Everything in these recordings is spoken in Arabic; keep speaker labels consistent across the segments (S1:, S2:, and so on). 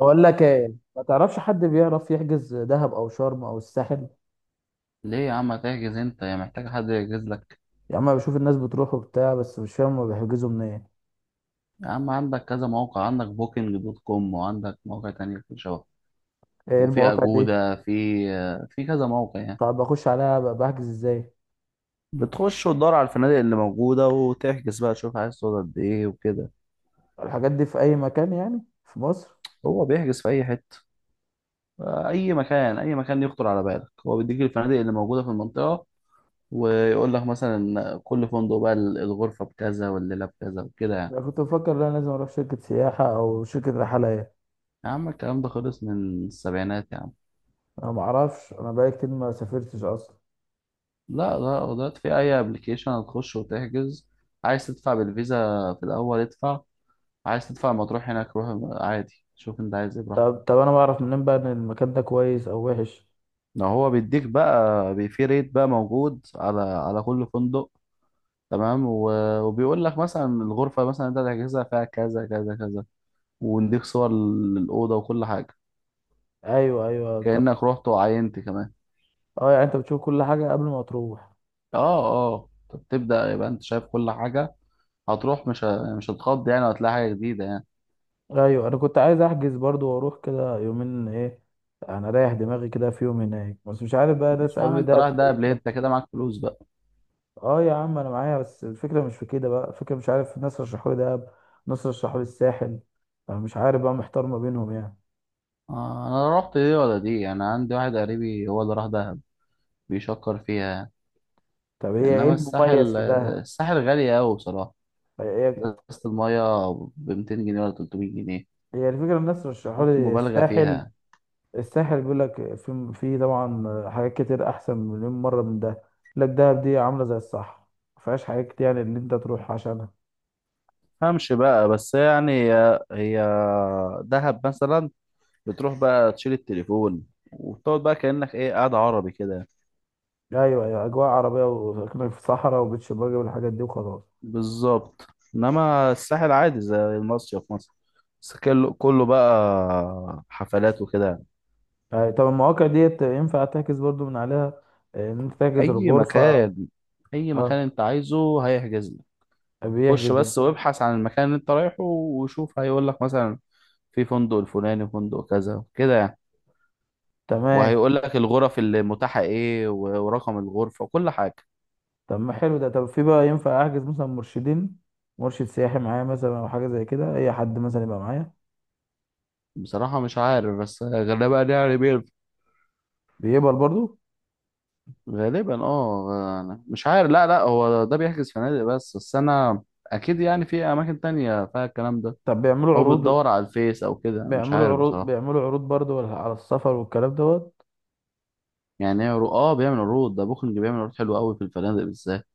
S1: بقول لك ايه، ما تعرفش حد بيعرف يحجز دهب او شرم او الساحل؟
S2: ليه يا عم هتحجز انت؟ يا محتاج حد يحجز لك؟
S1: يا عم أنا بشوف الناس بتروح وبتاع، بس مش فاهم هما بيحجزوا منين.
S2: يا عم عندك كذا موقع، عندك بوكينج دوت كوم وعندك مواقع تانية. في شبه
S1: ايه
S2: وفي
S1: المواقع دي؟
S2: أجودة. في كذا موقع يعني.
S1: طب بخش عليها بحجز ازاي؟
S2: بتخش وتدور على الفنادق اللي موجودة وتحجز بقى، تشوف عايز تقعد قد ايه وكده.
S1: الحاجات دي في اي مكان يعني، في مصر؟
S2: هو بيحجز في أي حتة. أي مكان، أي مكان يخطر على بالك هو بيديك الفنادق اللي موجودة في المنطقة. ويقول لك مثلا كل فندق بقى الغرفة بكذا والليلة بكذا وكده يعني.
S1: انا كنت بفكر لا، لازم اروح شركة سياحة او شركة رحلة ايه.
S2: يا عم الكلام ده خلص من السبعينات يا عم.
S1: انا ما اعرفش، انا بقالي كتير ما سافرتش اصلا.
S2: لا، دلوقتي في اي ابلكيشن هتخش وتحجز. عايز تدفع بالفيزا في الاول، ادفع. عايز تدفع لما تروح هناك، روح. عادي، شوف انت عايز ايه براحتك.
S1: طب انا بعرف منين بقى ان المكان ده كويس او وحش؟
S2: لو هو بيديك بقى، في ريت بقى موجود على كل فندق، تمام، وبيقول لك مثلا الغرفة مثلا انت هتحجزها فيها كذا كذا كذا، ونديك صور للأوضة وكل حاجة.
S1: ايوه، ايوه. طب.
S2: كأنك رحت وعينت كمان.
S1: اه، يعني انت بتشوف كل حاجة قبل ما تروح؟
S2: اه. اه، طب تبدأ، يبقى انت شايف كل حاجة. هتروح مش هتخض يعني، وهتلاقي حاجة جديدة يعني.
S1: ايوه، انا كنت عايز احجز برضو واروح كده يومين ايه. انا رايح دماغي كده في يوم هناك، بس مش عارف بقى،
S2: مش
S1: ناس
S2: عم
S1: قالوا لي
S2: انت
S1: دهب
S2: رايح دهب ليه؟
S1: كويسه.
S2: انت كده معاك فلوس بقى.
S1: اه يا عم انا معايا، بس الفكره مش في كده بقى، الفكره مش عارف، ناس رشحوا لي دهب. ناس رشحوا لي الساحل. انا مش عارف بقى، محتار ما بينهم يعني.
S2: آه، انا رحت دي ولا دي؟ انا عندي واحد قريبي هو اللي راح دهب، بيشكر فيها يعني.
S1: طب هي ايه
S2: انما
S1: المميز
S2: الساحل
S1: في دهب؟
S2: الساحل غالي قوي بصراحه.
S1: هي.
S2: ازازه الميه ب 200 جنيه ولا 300 جنيه،
S1: هي الفكره، الناس رشحوا
S2: حط
S1: لي
S2: مبالغه
S1: الساحل.
S2: فيها.
S1: الساحل بيقول لك في طبعا حاجات كتير احسن مليون مره من ده. يقول لك دهب دي عامله زي الصحراء. ما فيهاش حاجات كتير يعني، اللي انت تروح عشان.
S2: فهمش بقى، بس يعني هي دهب مثلا، بتروح بقى تشيل التليفون، وبتقعد بقى كأنك ايه، قاعد عربي كده.
S1: ايوه، ايوه، اجواء عربيه وساكنين في صحراء وبتش باجي والحاجات دي وخلاص.
S2: بالظبط. انما الساحل عادي زي المصيف مثلا، بس كله بقى حفلات وكده.
S1: أيوة. طب المواقع ديت ينفع تعكس برضو من عليها؟ ان انت تعكس
S2: اي
S1: الغرفه
S2: مكان، اي مكان
S1: اه،
S2: انت عايزه هيحجز لك. خش
S1: بيحجز يعني.
S2: بس وابحث عن المكان اللي انت رايحه، وشوف هيقول لك مثلا في فندق الفلاني، فندق كذا كده يعني.
S1: تمام.
S2: وهيقول لك الغرف اللي متاحة ايه ورقم الغرفة وكل حاجة.
S1: طب ما حلو ده. طب في بقى ينفع احجز مثلا مرشدين، مرشد سياحي معايا مثلا، او حاجه زي كده، اي حد مثلا يبقى معايا؟
S2: بصراحة مش عارف، بس غالبا يعني بيه.
S1: بيقبل برضو؟
S2: غالبا اه، أنا مش عارف. لا، هو ده بيحجز فنادق بس، انا اكيد يعني في اماكن تانية فيها الكلام ده.
S1: طب بيعملوا
S2: او
S1: عروض؟
S2: بتدور على الفيس او كده، أنا مش
S1: بيعملوا
S2: عارف
S1: عروض
S2: بصراحة.
S1: بيعملوا عروض برضو على السفر والكلام دوت؟
S2: يعني إيه عروض؟ اه، بيعمل عروض، ده بوكينج بيعمل عروض حلوة قوي في الفنادق بالذات.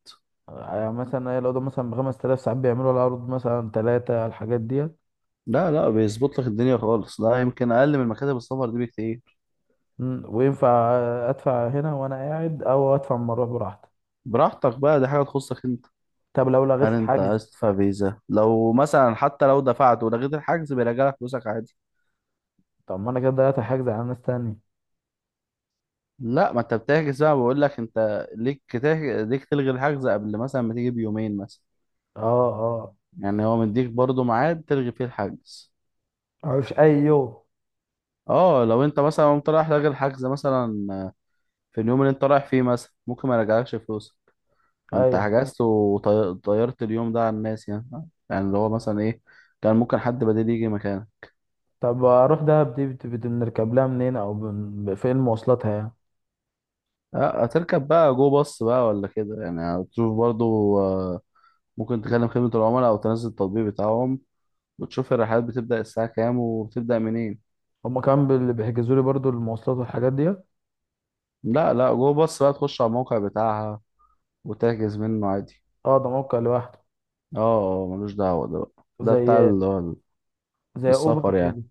S1: يعني مثلا إيه، لو ده مثلا بـ 5000 ساعات بيعملوا العروض مثلا تلاتة على الحاجات ديت.
S2: لا، بيظبط لك الدنيا خالص، لا يمكن اقل من مكاتب السفر دي بكتير.
S1: وينفع ادفع هنا وانا قاعد او ادفع لما اروح براحتي؟
S2: براحتك بقى، دي حاجة تخصك انت.
S1: طب لو لغيت
S2: هل انت
S1: الحجز؟
S2: عايز تدفع فيزا؟ لو مثلا حتى لو دفعت ولغيت الحجز بيرجع لك فلوسك عادي.
S1: طب ما انا كده ضيعت الحجز على ناس تانية.
S2: لا، ما انت بتحجز بقى، بقول لك انت ليك تلغي الحجز قبل مثلا ما تيجي بيومين مثلا.
S1: اه. اه.
S2: يعني هو مديك برضو ميعاد تلغي فيه الحجز.
S1: مفيش اي يوم؟
S2: اه، لو انت مثلا قمت رايح لاغي الحجز مثلا في اليوم اللي انت رايح فيه مثلا، ممكن ما يرجعلكش فلوسك. ما انت
S1: ايوه.
S2: حجزت وطيرت اليوم ده على الناس يعني. يعني اللي هو مثلا ايه، كان ممكن حد بديل يجي مكانك.
S1: طب اروح دهب دي، بنركب لها منين، او فين مواصلاتها يعني؟
S2: اه، هتركب بقى جو باص بقى ولا كده، يعني هتشوف برضو. اه، ممكن تكلم خدمة العملاء أو تنزل التطبيق بتاعهم، بتشوف الرحلات بتبدأ الساعة كام وبتبدأ منين.
S1: هما كمان بيحجزوا لي برضو المواصلات والحاجات دي؟
S2: لا، جوه بص بقى، تخش على الموقع بتاعها وتحجز منه عادي.
S1: اه، ده موقع لوحده؟
S2: اه، ملوش دعوة ده بقى، ده بتاع
S1: زي
S2: اللي هو
S1: زي اوبر
S2: السفر يعني.
S1: كده.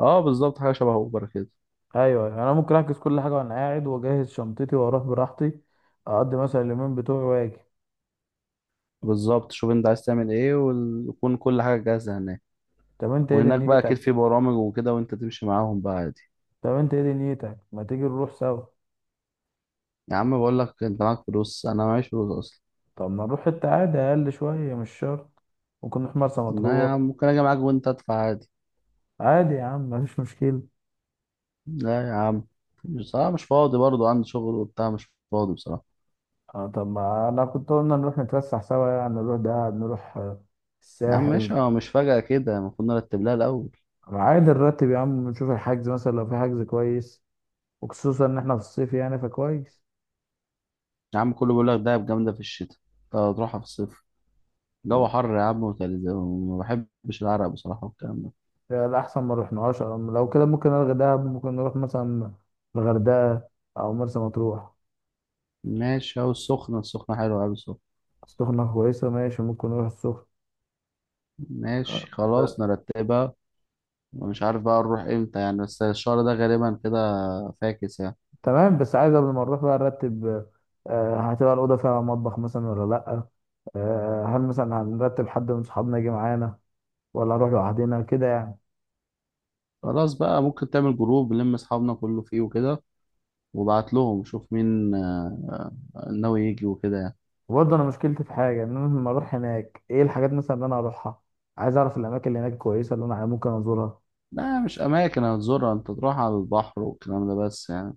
S2: اه بالظبط، حاجة شبه اوبر كده.
S1: ايوه يعني انا ممكن احجز كل حاجه وانا قاعد، واجهز شنطتي واروح براحتي. اقضي مثلا اليومين بتوعي واجي.
S2: بالظبط، شوف انت عايز تعمل ايه، ويكون كل حاجة جاهزة هناك.
S1: طب انت ايه
S2: وهناك بقى اكيد
S1: دنيتك؟
S2: في برامج وكده، وانت تمشي معاهم بقى عادي.
S1: طب انت ايه دنيتك، ما تيجي نروح سوا؟
S2: يا عم بقول لك انت معاك فلوس، انا معيش فلوس اصلا.
S1: طب ما نروح حتة عادي اقل شوية، مش شرط. ممكن نروح مرسى
S2: لا يا
S1: مطروح.
S2: عم، ممكن اجي معاك وانت ادفع عادي.
S1: عادي يا عم، مفيش مشكلة.
S2: لا يا عم، بصراحة مش فاضي برضه، عندي شغل وبتاع، مش فاضي بصراحة.
S1: اه، طب ما انا كنت قلنا نروح نتفسح سوا يعني، نروح دهب نروح
S2: يا عم
S1: الساحل.
S2: ماشي، هو مش فجأة كده، المفروض نرتب لها الأول.
S1: عادي نرتب يا عم، نشوف الحجز مثلا لو في حجز كويس. وخصوصا ان احنا في الصيف يعني فكويس.
S2: يا عم كله بيقول لك دهب جامدة في الشتاء، أنت هتروحها في الصيف. جو حر يا عم وتلج، وما بحبش العرق بصراحة والكلام ده.
S1: يعني الأحسن ما رحناهاش، أو لو كده ممكن ألغي دهب، ممكن نروح مثلا الغردقة أو مرسى مطروح.
S2: ماشي، أهو السخنة، السخنة حلوة أوي السخنة.
S1: السخنة كويسة، ماشي ممكن نروح السخنة.
S2: ماشي
S1: آه.
S2: خلاص نرتبها. ومش عارف بقى نروح إمتى يعني، بس الشهر ده غالبا كده فاكس يعني.
S1: تمام، بس عايز قبل ما نروح بقى نرتب. هتبقى الأوضة فيها مطبخ مثلا ولا لأ؟ هل مثلا هنرتب حد من صحابنا يجي معانا، ولا نروح لوحدنا كده يعني؟
S2: خلاص بقى، ممكن تعمل جروب نلم أصحابنا كله فيه وكده، وبعت لهم شوف مين ناوي يجي وكده يعني.
S1: وبرضه أنا مشكلتي في حاجة، إن أنا لما أروح هناك إيه الحاجات مثلا اللي أنا هروحها. عايز أعرف الأماكن اللي هناك كويسة، اللي أنا ممكن أزورها.
S2: لا، مش أماكن هتزورها، أنت تروح على البحر والكلام ده بس يعني.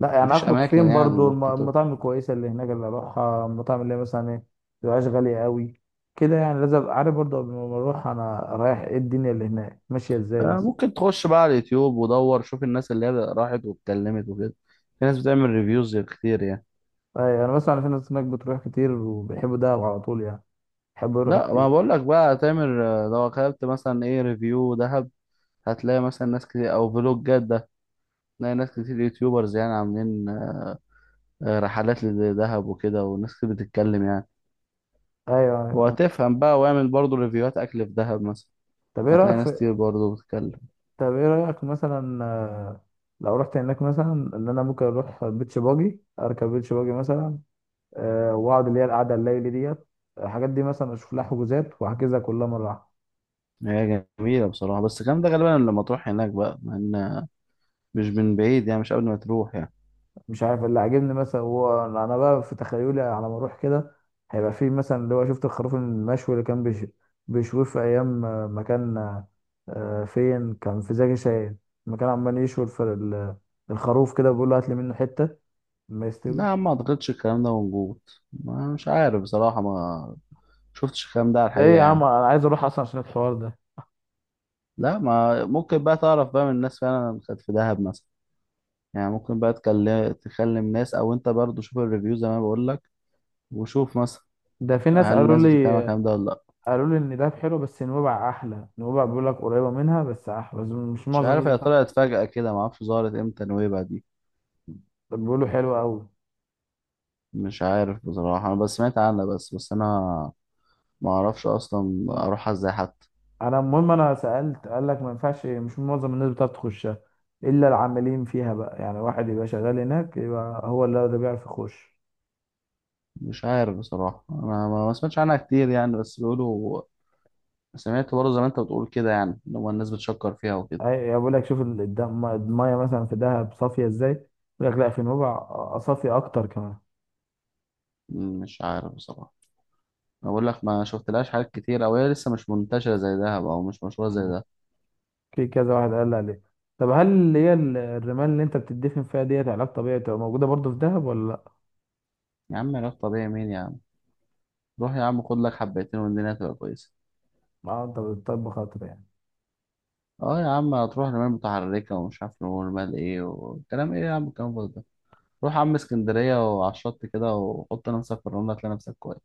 S1: لأ يعني،
S2: مفيش
S1: هخرج
S2: اماكن
S1: فين
S2: يعني ان
S1: برضه؟
S2: انت تخرج.
S1: المطاعم الكويسة اللي هناك اللي أروحها، المطاعم اللي هي مثلا إيه. متبقاش غالية أوي كده يعني، لازم أبقى عارف برضه قبل ما أروح أنا رايح إيه، الدنيا اللي هناك ماشية إزاي بس.
S2: ممكن تخش بقى على اليوتيوب ودور، شوف الناس اللي هي راحت واتكلمت وكده. في ناس بتعمل ريفيوز كتير يعني.
S1: ايوه، انا بسمع ان في ناس هناك بتروح كتير وبيحبوا دهب على طول يعني. بيحبوا يروحوا
S2: لا،
S1: كتير.
S2: ما بقول لك بقى تعمل، لو خدت مثلا ايه ريفيو دهب، هتلاقي مثلا ناس كتير او فلوجات ده. تلاقي ناس كتير يوتيوبرز يعني عاملين رحلات لدهب وكده، وناس كتير بتتكلم يعني.
S1: ايوه، ايوه.
S2: وهتفهم بقى، واعمل برضو ريفيوهات اكل في دهب مثلا،
S1: طب ايه رايك
S2: هتلاقي ناس
S1: في؟
S2: كتير برضو بتتكلم.
S1: طب ايه رايك مثلا لو رحت هناك مثلا، ان انا ممكن اروح بيتش باجي، اركب بيتش باجي مثلا. واقعد اللي هي القعده الليلي ديت. الحاجات دي مثلا اشوف لها حجوزات، واحجزها كلها مره واحده.
S2: هي جميلة بصراحة، بس الكلام ده غالبا لما تروح هناك بقى، لأن مش من بعيد يعني، مش قبل ما تروح يعني.
S1: مش عارف، اللي عاجبني مثلا هو انا بقى في تخيلي على ما اروح كده. هيبقى في مثلا اللي هو شفت الخروف المشوي اللي كان بيشويه في ايام ما كان فين كان؟ في زكي شاهين. لما كان عمال يشوي الخروف كده، بيقول له هات لي منه حته. ما يستوي.
S2: لا، ما اعتقدش الكلام ده موجود، ما مش عارف بصراحة، ما شفتش الكلام ده على
S1: ايه
S2: الحقيقة
S1: يا عم
S2: يعني.
S1: انا عايز اروح اصلا عشان الحوار ده.
S2: لا، ما ممكن بقى تعرف بقى من الناس فعلا كانت في دهب مثلا، يعني ممكن بقى تكلم ناس، او انت برضو شوف الريفيو زي ما بقول لك، وشوف مثلا
S1: ده في ناس
S2: هل
S1: قالوا
S2: الناس بتتكلم على
S1: لي.
S2: الكلام ده ولا لا.
S1: قالوا لي ان دهب حلو، بس نويبع احلى. نويبع بيقول لك قريبه منها بس احلى، بس مش
S2: مش
S1: معظم
S2: عارف،
S1: الناس
S2: هي طلعت فجأة كده، ما اعرفش ظهرت امتى نويبع دي.
S1: بيقولوا حلو قوي.
S2: مش عارف بصراحة، انا بس سمعت عنها بس، انا ما اعرفش اصلا اروحها ازاي حتى.
S1: انا المهم، انا سالت قال لك ما ينفعش، مش معظم الناس بتعرف تخشها، الا العاملين فيها بقى يعني، واحد يبقى شغال هناك يبقى هو اللي بيعرف يخش.
S2: مش عارف بصراحة، أنا ما سمعتش عنها كتير يعني، بس بيقولوا، سمعت برضه زي ما أنت بتقول كده يعني، إن هو الناس بتشكر فيها وكده.
S1: اي بقول لك شوف الميه مثلا في دهب صافيه ازاي. يقول لك لا، في نوبع صافيه اكتر كمان.
S2: مش عارف بصراحة، أنا بقول لك ما شفتلهاش حاجات كتير، أو هي لسه مش منتشرة زي دهب أو مش مشهورة زي
S1: مم.
S2: ده.
S1: في كذا واحد قال لي عليه. طب هل اللي هي الرمال اللي انت بتدفن فيها ديت علاج طبيعي، بتبقى موجوده برضو في دهب ولا لا؟
S2: يا عم علاج طبيعي مين يا عم؟ روح يا عم خد لك حبيتين والدنيا هتبقى كويسة.
S1: اه، انت بتطبخ اكتر يعني؟
S2: أه يا عم، هتروح رمال متحركة ومش عارف رمال إيه والكلام إيه، يا عم الكلام فاضي ده. روح يا عم اسكندرية وعلى الشط كده، وحط نفسك في الرملة هتلاقي نفسك كويس.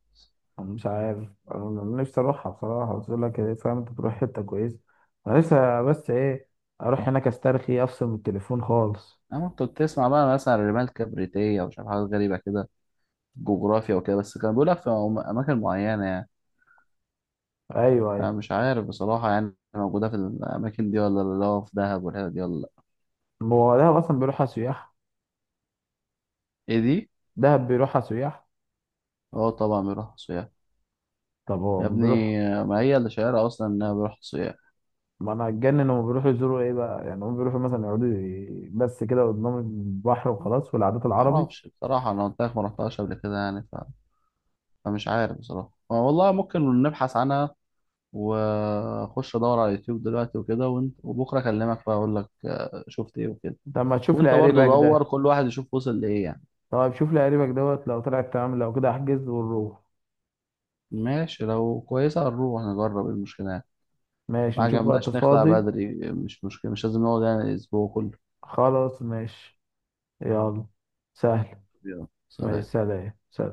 S1: مش عارف، انا نفسي اروحها بصراحه، بس يقول لك إيه، فاهم انت تروح حته كويسه. انا لسه بس ايه، اروح هناك استرخي، افصل من التليفون خالص.
S2: أما كنت بتسمع بقى مثلا عن رمال كبريتية ومش عارف حاجات غريبة كده، جغرافيا وكده، بس كان بيقولها في أماكن معينة يعني.
S1: ايوه، ايوه.
S2: أنا مش عارف بصراحة يعني موجودة في الأماكن دي ولا لا، اللي هو في دهب والحتت دي ولا لأ.
S1: ما هو دهب اصلا بيروحها سياح.
S2: إيه دي؟
S1: دهب بيروحها سياح.
S2: أه طبعا بيروح سياح.
S1: طب هو
S2: يا
S1: ما بيروح؟
S2: ابني، ما هي اللي شايرة أصلا إنها بيروح سياح.
S1: ما انا هتجنن، هم بيروحوا يزوروا ايه بقى يعني، هم بيروحوا مثلا يقعدوا بس كده قدام البحر وخلاص، والعادات العربي.
S2: معرفش بصراحة، أنا قلت لك ما رحتهاش قبل كده يعني، ف... فمش عارف بصراحة. أه والله ممكن نبحث عنها، وأخش أدور على اليوتيوب دلوقتي وكده، وانت وبكرة أكلمك بقى أقول لك شفت إيه وكده.
S1: طب ما تشوف
S2: وأنت
S1: لي
S2: برضو
S1: قريبك
S2: دور،
S1: ده.
S2: كل واحد يشوف وصل لإيه يعني.
S1: طب شوف لي قريبك دوت، لو طلعت تمام لو كده احجز ونروح.
S2: ماشي، لو كويسة هنروح نجرب، إيه المشكلة يعني.
S1: ماشي،
S2: ما
S1: نشوف وقت
S2: عجبناش نخلع
S1: فاضي.
S2: بدري، مش مشكلة، مش لازم نقعد يعني الأسبوع كله.
S1: خلاص ماشي. يلا. سهل.
S2: يلا.
S1: مع
S2: سلام.
S1: السلامة، سلام.